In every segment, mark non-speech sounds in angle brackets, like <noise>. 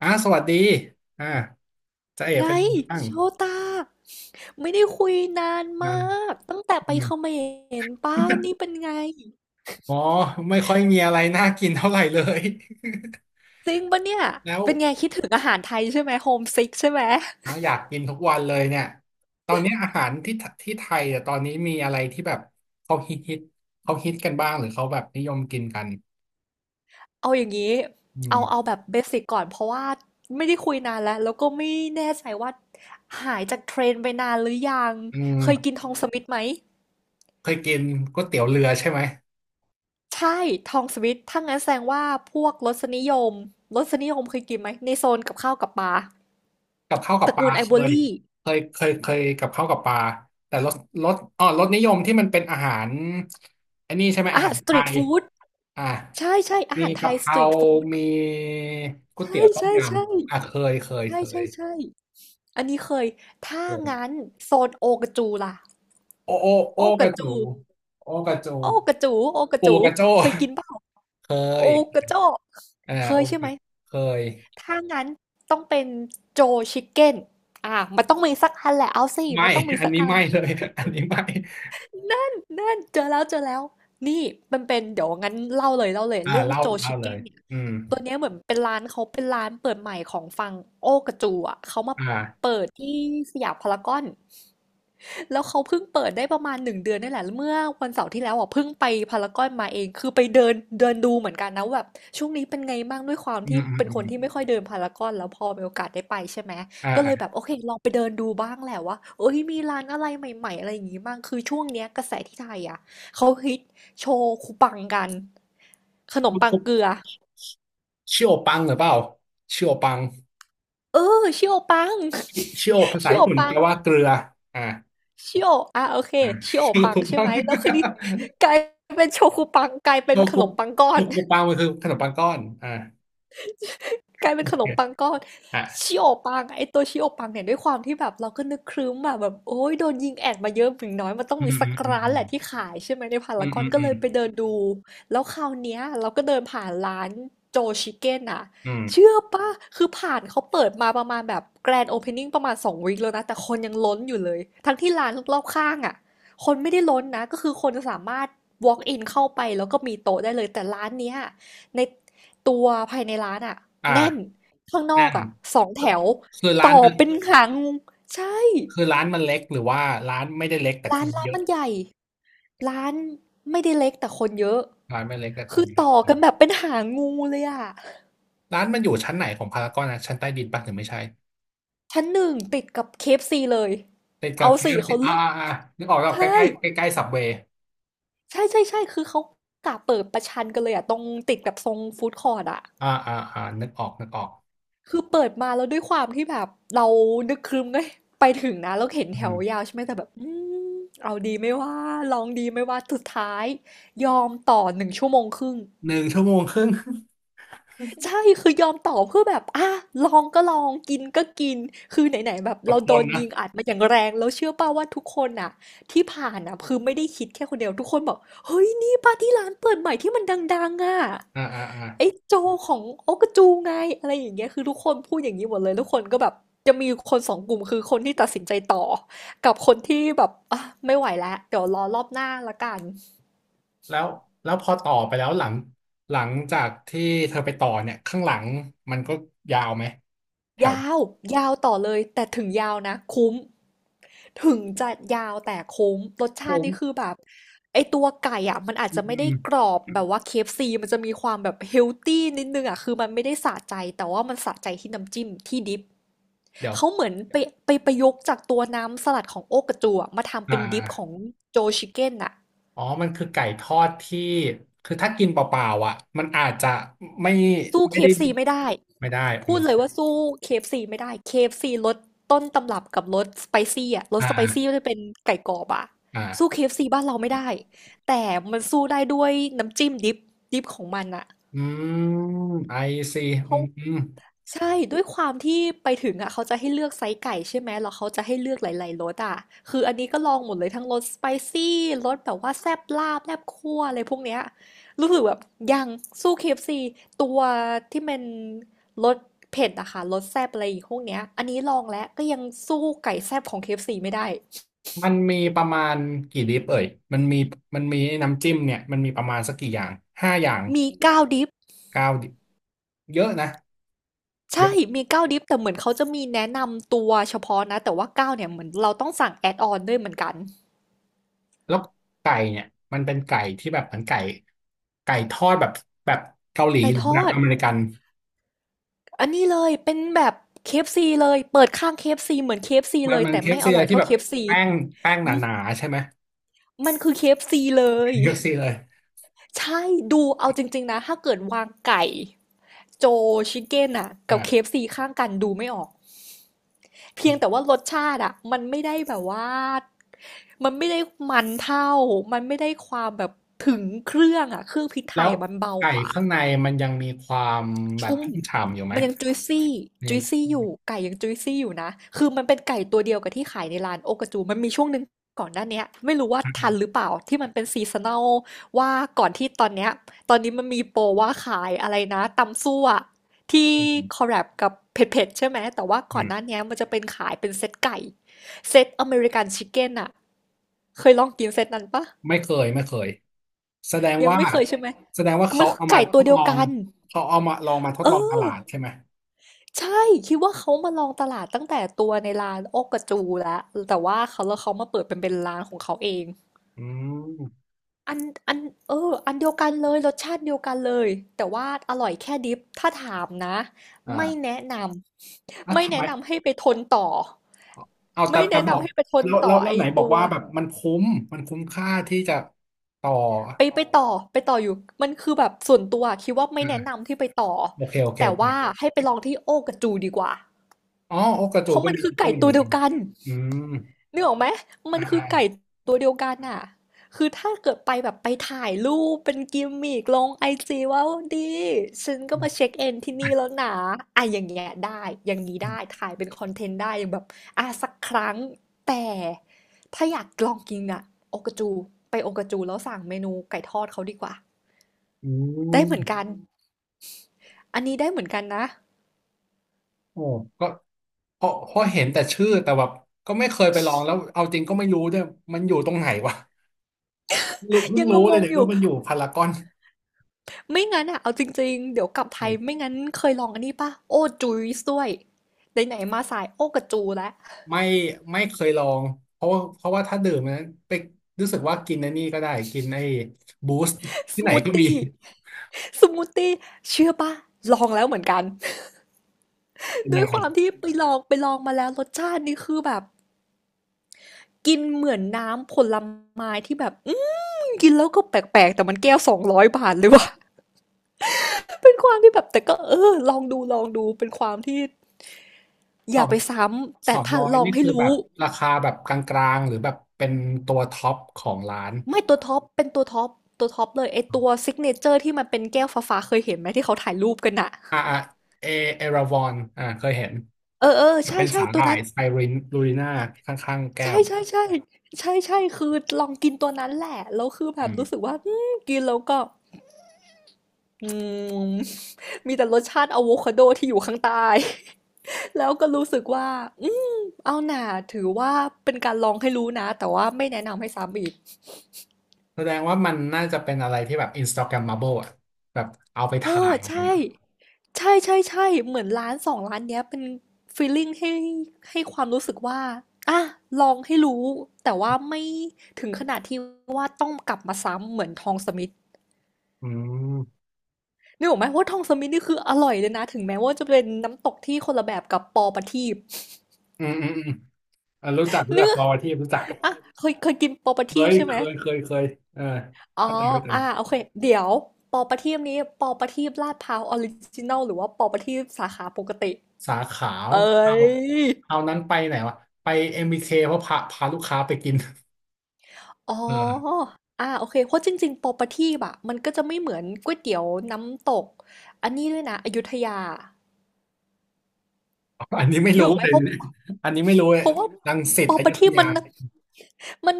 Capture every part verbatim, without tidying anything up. อ่าสวัสดีอ่าจะเอ๋ไงเป็นยังไงบ้างโชตาไม่ได้คุยนานมานั่นกตั้งแต่ไปอืม เขมรป้านี่เป็นไง <laughs> อ๋อไม่ค่อยมีอะไรน่ากินเท่าไหร่เลย <laughs> จริงปะเนี่ยแล้วเป็นไงคิดถึงอาหารไทยใช่ไหมโฮมซิกใช่ไหมอะอยากกินทุกวันเลยเนี่ยตอนนี้อาหารที่ที่ไทยอ่ะตอนนี้มีอะไรที่แบบเขาฮิตฮิตเขาฮิตกันบ้างหรือเขาแบบนิยมกินกันเอาอย่างนี้อืมเอาเอาแบบเบสิกก่อนเพราะว่าไม่ได้คุยนานแล้วแล้วก็ไม่แน่ใจว่าหายจากเทรนไปนานหรือยังอืเคยกินมทองสมิธไหมเคยกินก๋วยเตี๋ยวเรือใช่ไหม ใช่ทองสมิธถ้างั้นแสดงว่าพวกรสนิยมรสนิยมเคยกินไหมในโซนกับข้าวกับปลากับข้าวกัตบระปลากูลไอ o เคว r ยรี่เคยเคยเคยกับข้าวกับปลาแต่รสรสอ๋อรสนิยมที่มันเป็นอาหารอันนี้ใช่ไหมอาอาหาหารรสไทตรีทยฟู้ด อ่ะใช่ใช่อามีหารไทกะยเพสตรารีตฟูดมีก๋วยเตี๋ยวต้มใช่ยๆำอ่ะเคๆยเคยเคใยช่ๆๆอันนี้เคยถ้าเคงั้ยนโซนโอกาจูล่ะโอโอโอโอกการะจูจูโอกระจูโอกระจูโอกระปูจูกระโจ้เคยกินเปล่าเคโอยกาจ้อกเอ่าเคโอยใช่กไหมระเคยถ้างั้นต้องเป็นโจชิคเก้นอามันต้องมีสักอันแหละเอาสิไม่ มันต้องมี <laughs> อันสักนี้อัน ไม่เลยอันนี้ไม่นั่นเจอแล้วเจอแล้วนี่มันเป็นเดี๋ยวงั้นเล่าเลยเล่าเลยอ่าเรื่องเล่าโจเล่าชิเลเก้ยนเนี่ยอืมตัวเนี้ยเหมือนเป็นร้านเขาเป็นร้านเปิดใหม่ของฝั่งโอ้กระจูอ่ะเขามาอ่าเปิดที่สยามพารากอน แล้วเขาเพิ่งเปิดได้ประมาณหนึ่งเดือนนี่แหละแล้วเมื่อวันเสาร์ที่แล้วอ่ะเพิ่งไปพารากอนมาเองคือไปเดินเดินดูเหมือนกันนะว่าแบบช่วงนี้เป็นไงบ้างด้วยความอืที่มอืมเป็นอืคมนที่ไม่ค่อยเดินพารากอนแล้วพอมีโอกาสได้ไปใช่ไหมอ่าก็เลยแบอ่า บโอเคลองไปเดินดูบ้างแหละว่าเอ้ยมีร้านอะไรใหม่ๆอะไรอย่างงี้บ้างคือช่วงเนี้ยกระแสที่ไทยอ่ะเขาฮิตโชคุปังกันขนมปังเกลือชิโอปังหรือเปล่าชิโอปังเออชิโอปัง ชิโอภา <laughs> ษาชิโอญี่ปุ่นปัแปง ลว่าเกลืออ่าชิโออ่ะโอเคอ่าชิโอชิโอปังคุใช่ปัไหม งแล้วคืนนี้ <laughs> กลายเป็นโชกุปังกลายชิเป็นโอขคุนมปังก้อชิน โอคุปังมันคือขนมปังก้อนอ่ากลายเป็โอนขนเคมปังก้อนอ่าชิโอปังอะไอตัวชิโอปังเนี่ยด้วยความที่แบบเราก็นึกครึ้มอะแบบโอ้ยโดนยิงแอดมาเยอะถึงน้อยมันต้องอืมีมสัอืกมร้านอืมแหละที่ขายใช่ไหมในพาอืรามกอือนมก็อืเลมยไปเดินดูแล้วคราวเนี้ยเราก็เดินผ่านร้านโจชิเก้นอะอืมอเชื่อปะคือผ่านเขาเปิดมาประมาณแบบแกรนด์โอเพนนิ่งประมาณสองวีคแล้วนะแต่คนยังล้นอยู่เลยทั้งที่ร้านรอบข้างอะคนไม่ได้ล้นนะก็คือคนสามารถ walk in เข้าไปแล้วก็มีโต๊ะได้เลยแต่ร้านเนี้ยใน ตัวภายในร้านอะแน่น่าข้างนอแนั่กน อะสองแถวคือร้านต่อมันเป็นหางงูใช่คือร้านมันเล็กหรือว่าร้านไม่ได้เล็กแต่คร้านนร้าเยนอะ มันใหญ่ร้านไม่ได้เล็กแต่คนเยอะร้านไม่เล็กแต่คคืนอเยอะต่ออืกันแบบมเป็นหางงูเลยอ่ะร้านมันอยู่ชั้นไหนของพารากอนนะชั้นใต้ดินปะหรือไม่ใช่ชั้นหนึ่งติดกับเคเอฟซีเลยติดกัเอาบ k สี่อฟซีเขาอ่าเลือกอ่าอ่านึกออกแล้วใกใช่ล้ใกล้ใกล้ใกล้ซับเวย์ใช่ใช่ใช่คือเขากะเปิดประชันกันเลยอะตรงติดกับทรงฟู้ดคอร์ดอะ อ่าอ่าอ่านึกออกนึกออก คือเปิดมาแล้วด้วยความที่แบบเรานึกครึ้มไงไปถึงนะแล้วเห็นอืแถวมยาวใช่ไหมแต่แบบอืมเอาดีไม่ว่าลองดีไม่ว่าสุดท้ายยอมต่อหนึ่งชั่วโมงครึ่งหนึ่งชั่วโมงครึ่ง ใช่คือยอมต่อเพื่อแบบอ่ะลองก็ลองกินก็กินคือไหนๆแบบ <laughs> อดเราทโดนนนะยิงอัดมาอย่างแรงแล้วเชื่อป่าวว่าทุกคนอ่ะที่ผ่านอ่ะคือไม่ได้คิดแค่คนเดียวทุกคนบอกเฮ้ยนี่ปาร์ตี้ร้านเปิดใหม่ที่มันดังๆอ่ะ อ่าอ่าอ่าไอ้โจของโอ๊กกจูไงอะไรอย่างเงี้ยคือทุกคนพูดอย่างนี้หมดเลยทุกคนก็แบบจะมีคนสองกลุ่มคือคนที่ตัดสินใจต่อกับคนที่แบบอ่ะไม่ไหวแล้วเดี๋ยวรอรอบหน้าละกันแล้วแล้วพอต่อไปแล้วหลังหลังจากที่เธอไปต่อเนี่ยข้างหลังมันก็ยาวไหมแถวยาวยาวต่อเลยแต่ถึงยาวนะคุ้มถึงจะยาวแต่คุ้มรสชาโค้ติงนี่คือแบบไอตัวไก่อ่ะมันอาจอืจะไม่ได้มกรอบแบบว่า เค เอฟ ซี มันจะมีความแบบเฮลตี้นิดนึงอ่ะคือมันไม่ได้สะใจแต่ว่ามันสะใจที่น้ำจิ้มที่ดิป เดี๋ยวเขาเหมือนไปไปประยุกต์จากตัวน้ำสลัดของโอ๊กกระจัวมาทำอ่เป็นดิปของาโจชิเก้นน่ะอ๋อมันคือไก่ทอดที่คือถ้ากินเปล่าๆอ่ะมันอาจจะไม่สู้เคไม่ได้เอฟ f c ไม่ได้ไม่ได้อืพูดมเลยว่าสู้เคเอฟ f c ไม่ได้เคเอฟ f c รสต้นตำรับกับรสสไปซี่อ่ะรสสไปซี่อ่าจะเป็นไก่กรอบอ่ะสู้เคอ่าเอฟ f c บ้านเราไม่ได้แต่มันสู้ได้ด้วยน้ำจิ้มดิปดิปของมันอ่ะอืม ไอซีอืเขา ม ใช่ด้วยความที่ไปถึงอ่ะเขาจะให้เลือกไซส์ไก่ใช่ไหมแล้วเขาจะให้เลือกหลายๆรสอ่ะคืออันนี้ก็ลองหมดเลยทั้งรสสไปซี่รสแบบว่าแซ่บลาบแซ่บคั่วอะไรพวกเนี้ยรู้สึกแบบยังสู้ เค เอฟ ซี ตัวที่เป็นรสเผ็ดอะค่ะรสแซ่บอะไรอีกพวกเนี้ยอันนี้ลองแล้วก็ยังสู้ไก่แซ่บของ เค เอฟ ซี ไม่ได้มันมีประมาณกี่ดิปเอ่ยมันมีมันมีน้ำจิ้มเนี่ยมันมีประมาณสักกี่อย่าง ห้าอย่างมีเก้าวดิฟเก้าดิปเยอะนะเยใช่อะมีเก้าวดิฟแต่เหมือนเขาจะมีแนะนำตัวเฉพาะนะแต่ว่าเก้าวเนี่ยเหมือนเราต้องสั่งแอดออนด้วยเหมือนกันแล้วไก่เนี่ยมันเป็นไก่ที่แบบเหมือนไก่ไก่ทอดแบบแบบเกาหลีไก่หรือทแบอบด อเมริกัน อันนี้เลยเป็นแบบเคเอฟซีเลยเปิดข้างเคเอฟซีเหมือนเคเอฟ f ีมัเลนยมัน แต่ k ไม่ซีอเลร่อยยที่เท่า แบบ เค เอฟ ซี แป้งแป้งหมนาๆใช่ไหมมันคือ k f ีเลยเ k ซีเลยใช่ดูเอาจริงๆนะถ้าเกิดวางไก่โจชิคเก้นอะกับเคอ่าเอฟซีข้างกันดูไม่ออกเพียงแต่ว่ารสชาติอะมันไม่ได้แบบว่ามันไม่ได้มันเท่ามันไม่ได้ความแบบถึงเครื่องอะเครื่องพริกไทแล้ยวอะมันเบาไก่กว่า ข้างในมันยังมีความแบบชุ่มชุ่มฉ่ำอยู่ไหมมันยังจุยซี่ในจุยซี่อยู่ไก่ยังจุยซี่อยู่นะคือมันเป็นไก่ตัวเดียวกับที่ขายในร้านโอกาจูมันมีช่วงหนึ่งก่อนหน้าเนี้ยไม่รู้ว่าทันหรือเปล่าที่มันเป็นซีซัน a ลว่าก่อนที่ตอนเนี้ยตอนนี้มันมีโปรว่าขายอะไรนะตำซั่วที่อคอลแลบกับเผ็ดๆใช่ไหมแต่ว่าก่ือนหน้าม เนี้ยมันจะเป็นขายเป็นเซตไก่เซตอเมริกันชิคเก้นอะเคยลองกินเซตนั้นปะไม่เคยไม่เคยแสดงยังว่าไม่เคยใช่ไหมแสดงว่ามัเขานคือเอามาไก่ทตัวดเดียลวองกันเขาเอามาลองมาทดเอลองตอ ลาดใช่ไหมใช่คิดว่าเขามาลองตลาดตั้งแต่ตัวในร้านโอกระจูแล้วแต่ว่าเขาแล้วเขามาเปิดเป็นเป็นร้านของเขาเองอืมอันอันเอออันเดียวกันเลยรสชาติเดียวกันเลยแต่ว่าอร่อยแค่ดิฟถ้าถามนะไม่อ่าแนะนอ่ะำไม่ทำไมแนะนำให้ไปทนต่อเอาแต่ไม่แต่แนะบอกนำให้ไปทนแล้วแล้ต่อวแล้ไอวไหนบอกตัวว่าแบบมันคุ้มมันคุ้มค่าที่จะต่อไปไปต่อไปต่ออยู่มันคือแบบส่วนตัวคิดว่าไม่แนะอ่านำที่ไปต่อโอเคโอเคแต่โอเคว่าให้ไปลองที่โอกระจูดีกว่าอ๋อโอกระเพจูราะก็มันมีคือก็ไก่มีตัเหวมือนเดียวกันกัน อืมนึกออกไหม มัอ่านคืออ่าไก่ตัวเดียวกันน่ะ คือถ้าเกิดไปแบบไปถ่ายรูปเป็นกิมมิกลงไอจีว่าดี ฉันก็มาเช็คเอนที่นี่แล้อ่าวนะอ่ะอย่างเงี้ยได้อย่างนี้ได้ถ่ายเป็นคอนเทนต์ได้อย่างแบบอ่ะสักครั้งแต่ถ้าอยากลองกินอ่ะโอกาจูไปโอกาจูแล้วสั่งเมนูไก่ทอดเขาดีกว่า อืได้เหมือนมกัน อันนี้ได้เหมือนกันนะ โอ้ก็เพราะเพราะเห็นแต่ชื่อแต่แบบก็ไม่เคยไปลองแล้วเอาจริงก็ไม่รู้ด้วยมันอยู่ตรงไหนวะ รู้เพิ่งยังรู้งเลยงเนี่ๆยอยู่ ว่ามันอยู่พารากอนไม่งั้นอะเอาจริงๆ เดี๋ยวกลับไทอืยมไม่งั้นเคยลองอันนี้ป่ะโอ้จูซด้วยไหนๆมาสาย โอ้กับจูแล้วไม่ไม่เคยลองเพราะว่าเพราะว่าถ้าดื่มนะไปรู้สึกว่ากินไอ้นี่ก็ได้กินไอ้บูสต์สที่ไหนมูทก็มีตี้สมูทตี้เชื่อป่ะลองแล้วเหมือนกัน เป็น <laughs> ด้ยัวยงไงความที่ไปลองไปลองมาแล้วรสชาตินี่คือแบบกินเหมือนน้ำผลไม้ที่แบบ อืมกินแล้วก็แปลกๆ แต่มันแก้วสองร้อยบาทเลยว่ะ <laughs> เป็นความที่แบบแต่ก็เออลองดูลองดูเป็นความที่อสอย่างไปซ้ำสแต่องถ้าร้อยลองนี่ให้คือแบรู้ บราคาแบบกลางๆหรือแบบเป็นตัวท็อปของร้านไม่ตัวท็อปเป็นตัวท็อปตัวท็อปเลยไอตัวซิกเนเจอร์ที่มันเป็นแก้วฟ้าๆเคยเห็นไหมที่เขาถ่ายรูปกันอะอ่าอ่าเอเอราวอนอ่าเคยเห็นเออเออมันใช่เป็นใช่สาหตัวร่ายนั้นไซรินลูริน่าข้างๆแก้ใช่วใช่ใช่ใช่ใช่คือลองกินตัวนั้นแหละแล้วคือแบอืบมรู้สึกว่าอืมกินแล้วก็อืมมีแต่รสชาติอะโวคาโดที่อยู่ข้างใต้ <laughs> แล้วก็รู้สึกว่าอืมเอาหน่าถือว่าเป็นการลองให้รู้นะแต่ว่าไม่แนะนำให้ซ้ำอีกแสดงว่ามันน่าจะเป็นอะไรที่แบบ Instagrammable อ่ะแบบเอาไปเอถ่าอยอะไรอย่างใช่ เงี้ย ใช่ๆๆเหมือนร้านสองร้านเนี้ยเป็นฟีลลิงให้ให้ความรู้สึกว่าอะลองให้รู้แต่ว่าไม่ถึงขนาดที่ว่าต้องกลับมาซ้ำเหมือนทองสมิธอืมนึกออกไหมว่าทองสมิธนี่คืออร่อยเลยนะถึงแม้ว่าจะเป็นน้ำตกที่คนละแบบกับปอประทีปอืมอืมอืมอ่ะรู้จักรู้จัเนืกกรอที่รู้จัก อาเคยเคยกินปอประเคทีปยใช่เคไหมยเคยเคยเอออ๋อเข้าใจเข้าใจอะโอเคเดี๋ยวปอประทีปนี้ปอประทีปลาดพร้าวออริจินัลหรือว่าปอประทีปสาขาปกติสาขาเอ้เอาย เอานั้นไปไหนวะไปเอ็มบีเคเพราะพาพาลูกค้าไปกินอ๋อเอออาโอเคเพราะจริงๆ property อะมันก็จะไม่เหมือนก๋วยเตี๋ยวน้ำตกอันนี้ด้วยนะอยุธยาอันนี้ไม่นึกรู้ออกไหมเลยเพราะอันนี้ไม่รู้เลเพยราะว่า รังสิตอยุธ property มัยา นมัน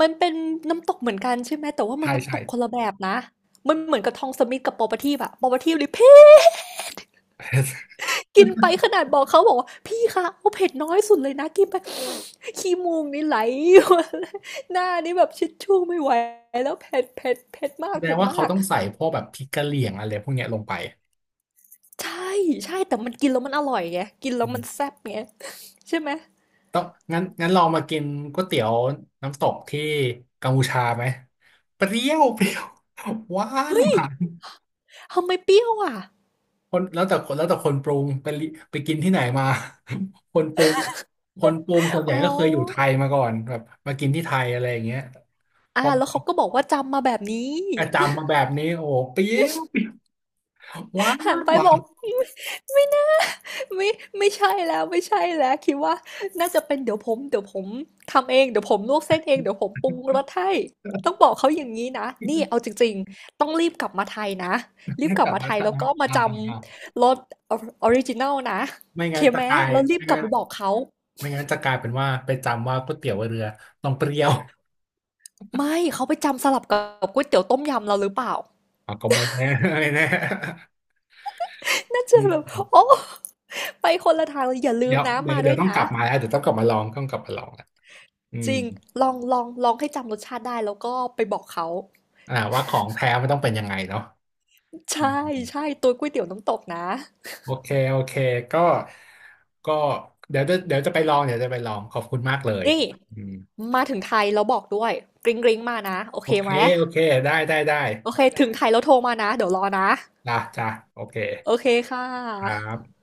มันเป็นน้ำตกเหมือนกันใช่ไหมแต่ว่ามัใช่นน้ำใช่ ตกคนละแบบนะ มันเหมือนกับทองสมิธกับ property อะ property เลย <laughs> เผ็ดกินไป <laughs> ขนาดบอกเขาบอกว่าพี่คะเอาเผ็ดน้อยสุดเลยนะกินไป <laughs> ขี้มูกนี่ไหล <laughs> หน้านี่แบบชิชชู่ไม่ไหวแล้วเผ็ดเผ็ดเผ็ดมาแสกดงเผ็ดว่าเขามาก ต้องใส่พวกแบบพริกกะเหรี่ยงอะไรพวกเนี้ยลงไปใช่ใช่แต่มันกินแล้วมันอร่อยไงกินแล้อืวมัมนแซ่บไง <laughs> ใช่ไหมต้องงั้นงั้นลองมากินก๋วยเตี๋ยวน้ำตกที่กัมพูชาไหมเปรี้ยวเปรี้ยวหวาน ทำไมเปรี้ยวอ่ะคนแล้วแต่คนแล้วแต่คนปรุงไปลิไปกินที่ไหนมา <laughs> คนปรุงคนปรุงส่วนใหอ๋ญ่ก็เคยอยู่ไทอยมาก่อนแบบมากินที่ไทยอะไรอย่างเงี้ยพอ่าอแล้วเขาก็บอกว่าจำมาแบบนี้ จำมา <laughs> แบบนี้โอ้โหเปรี้ยวหวานหันไปหวาบอนก ไม่น่าไม่ไม่ใช่แล้วไม่ใช่แล้ว คิดว่าน่าจะเป็นเดี๋ยวผมเดี๋ยวผมทำเองเดี๋ยวผมลวกเส้นเองเดี๋ยวผมปรุงรสให้ต้องบอกเขาอย่างนี้นะ นี่ เอาจริงๆต้องรีบกลับมาไทยนะ รีบกกลับลับมามาไทยไทแล้วยก็มาอ่าจอ่าำรสออริจินัลนะไม่โอเคงั้นจะไหมกลายแล้วรีบไม่กลับงั้นไปบอกเขา ไม่งั้นจะกลายเป็นว่าไปจำว่าก๋วยเตี๋ยวเรือต้องเปรี้ยวไม่เขาไปจำสลับกับก๋วยเตี๋ยวต้มยำเราหรือเปล่าอ่ะก็ไม่แน่ <laughs> ไม่แน่น่าจะอืแบบโอ้มไปคนละทางเลยอย่าลืเดี๋มยวนะเดี๋ยมาวเดี๋ด้ยววยต้องนะกลับมาแล้วเดี๋ยวต้องกลับมาลองต้องกลับมาลองแหละอืจมริงลองลองลองให้จำรสชาติได้แล้วก็ไปบอกเขาอ่าว่าของแท้มันต้องเป็นยังไงเนาะอืใช่ม ใช่ตัวก๋วยเตี๋ยวน้ำตกนะโอเคโอเคก็ก็เดี๋ยวจะเดี๋ยวจะไปลองเดี๋ยวจะไปลองขอบคุณมากเลยนี่อืมมาถึงไทยแล้วบอกด้วยกริ๊งกริ๊งมานะโอโอเคเคไหมโอเคได้ได้ได้โอเคถึงไทยแล้วโทรมานะเดี๋ยวรอนะจ้ะจ้ะโอเคโอเคค่ครัะบ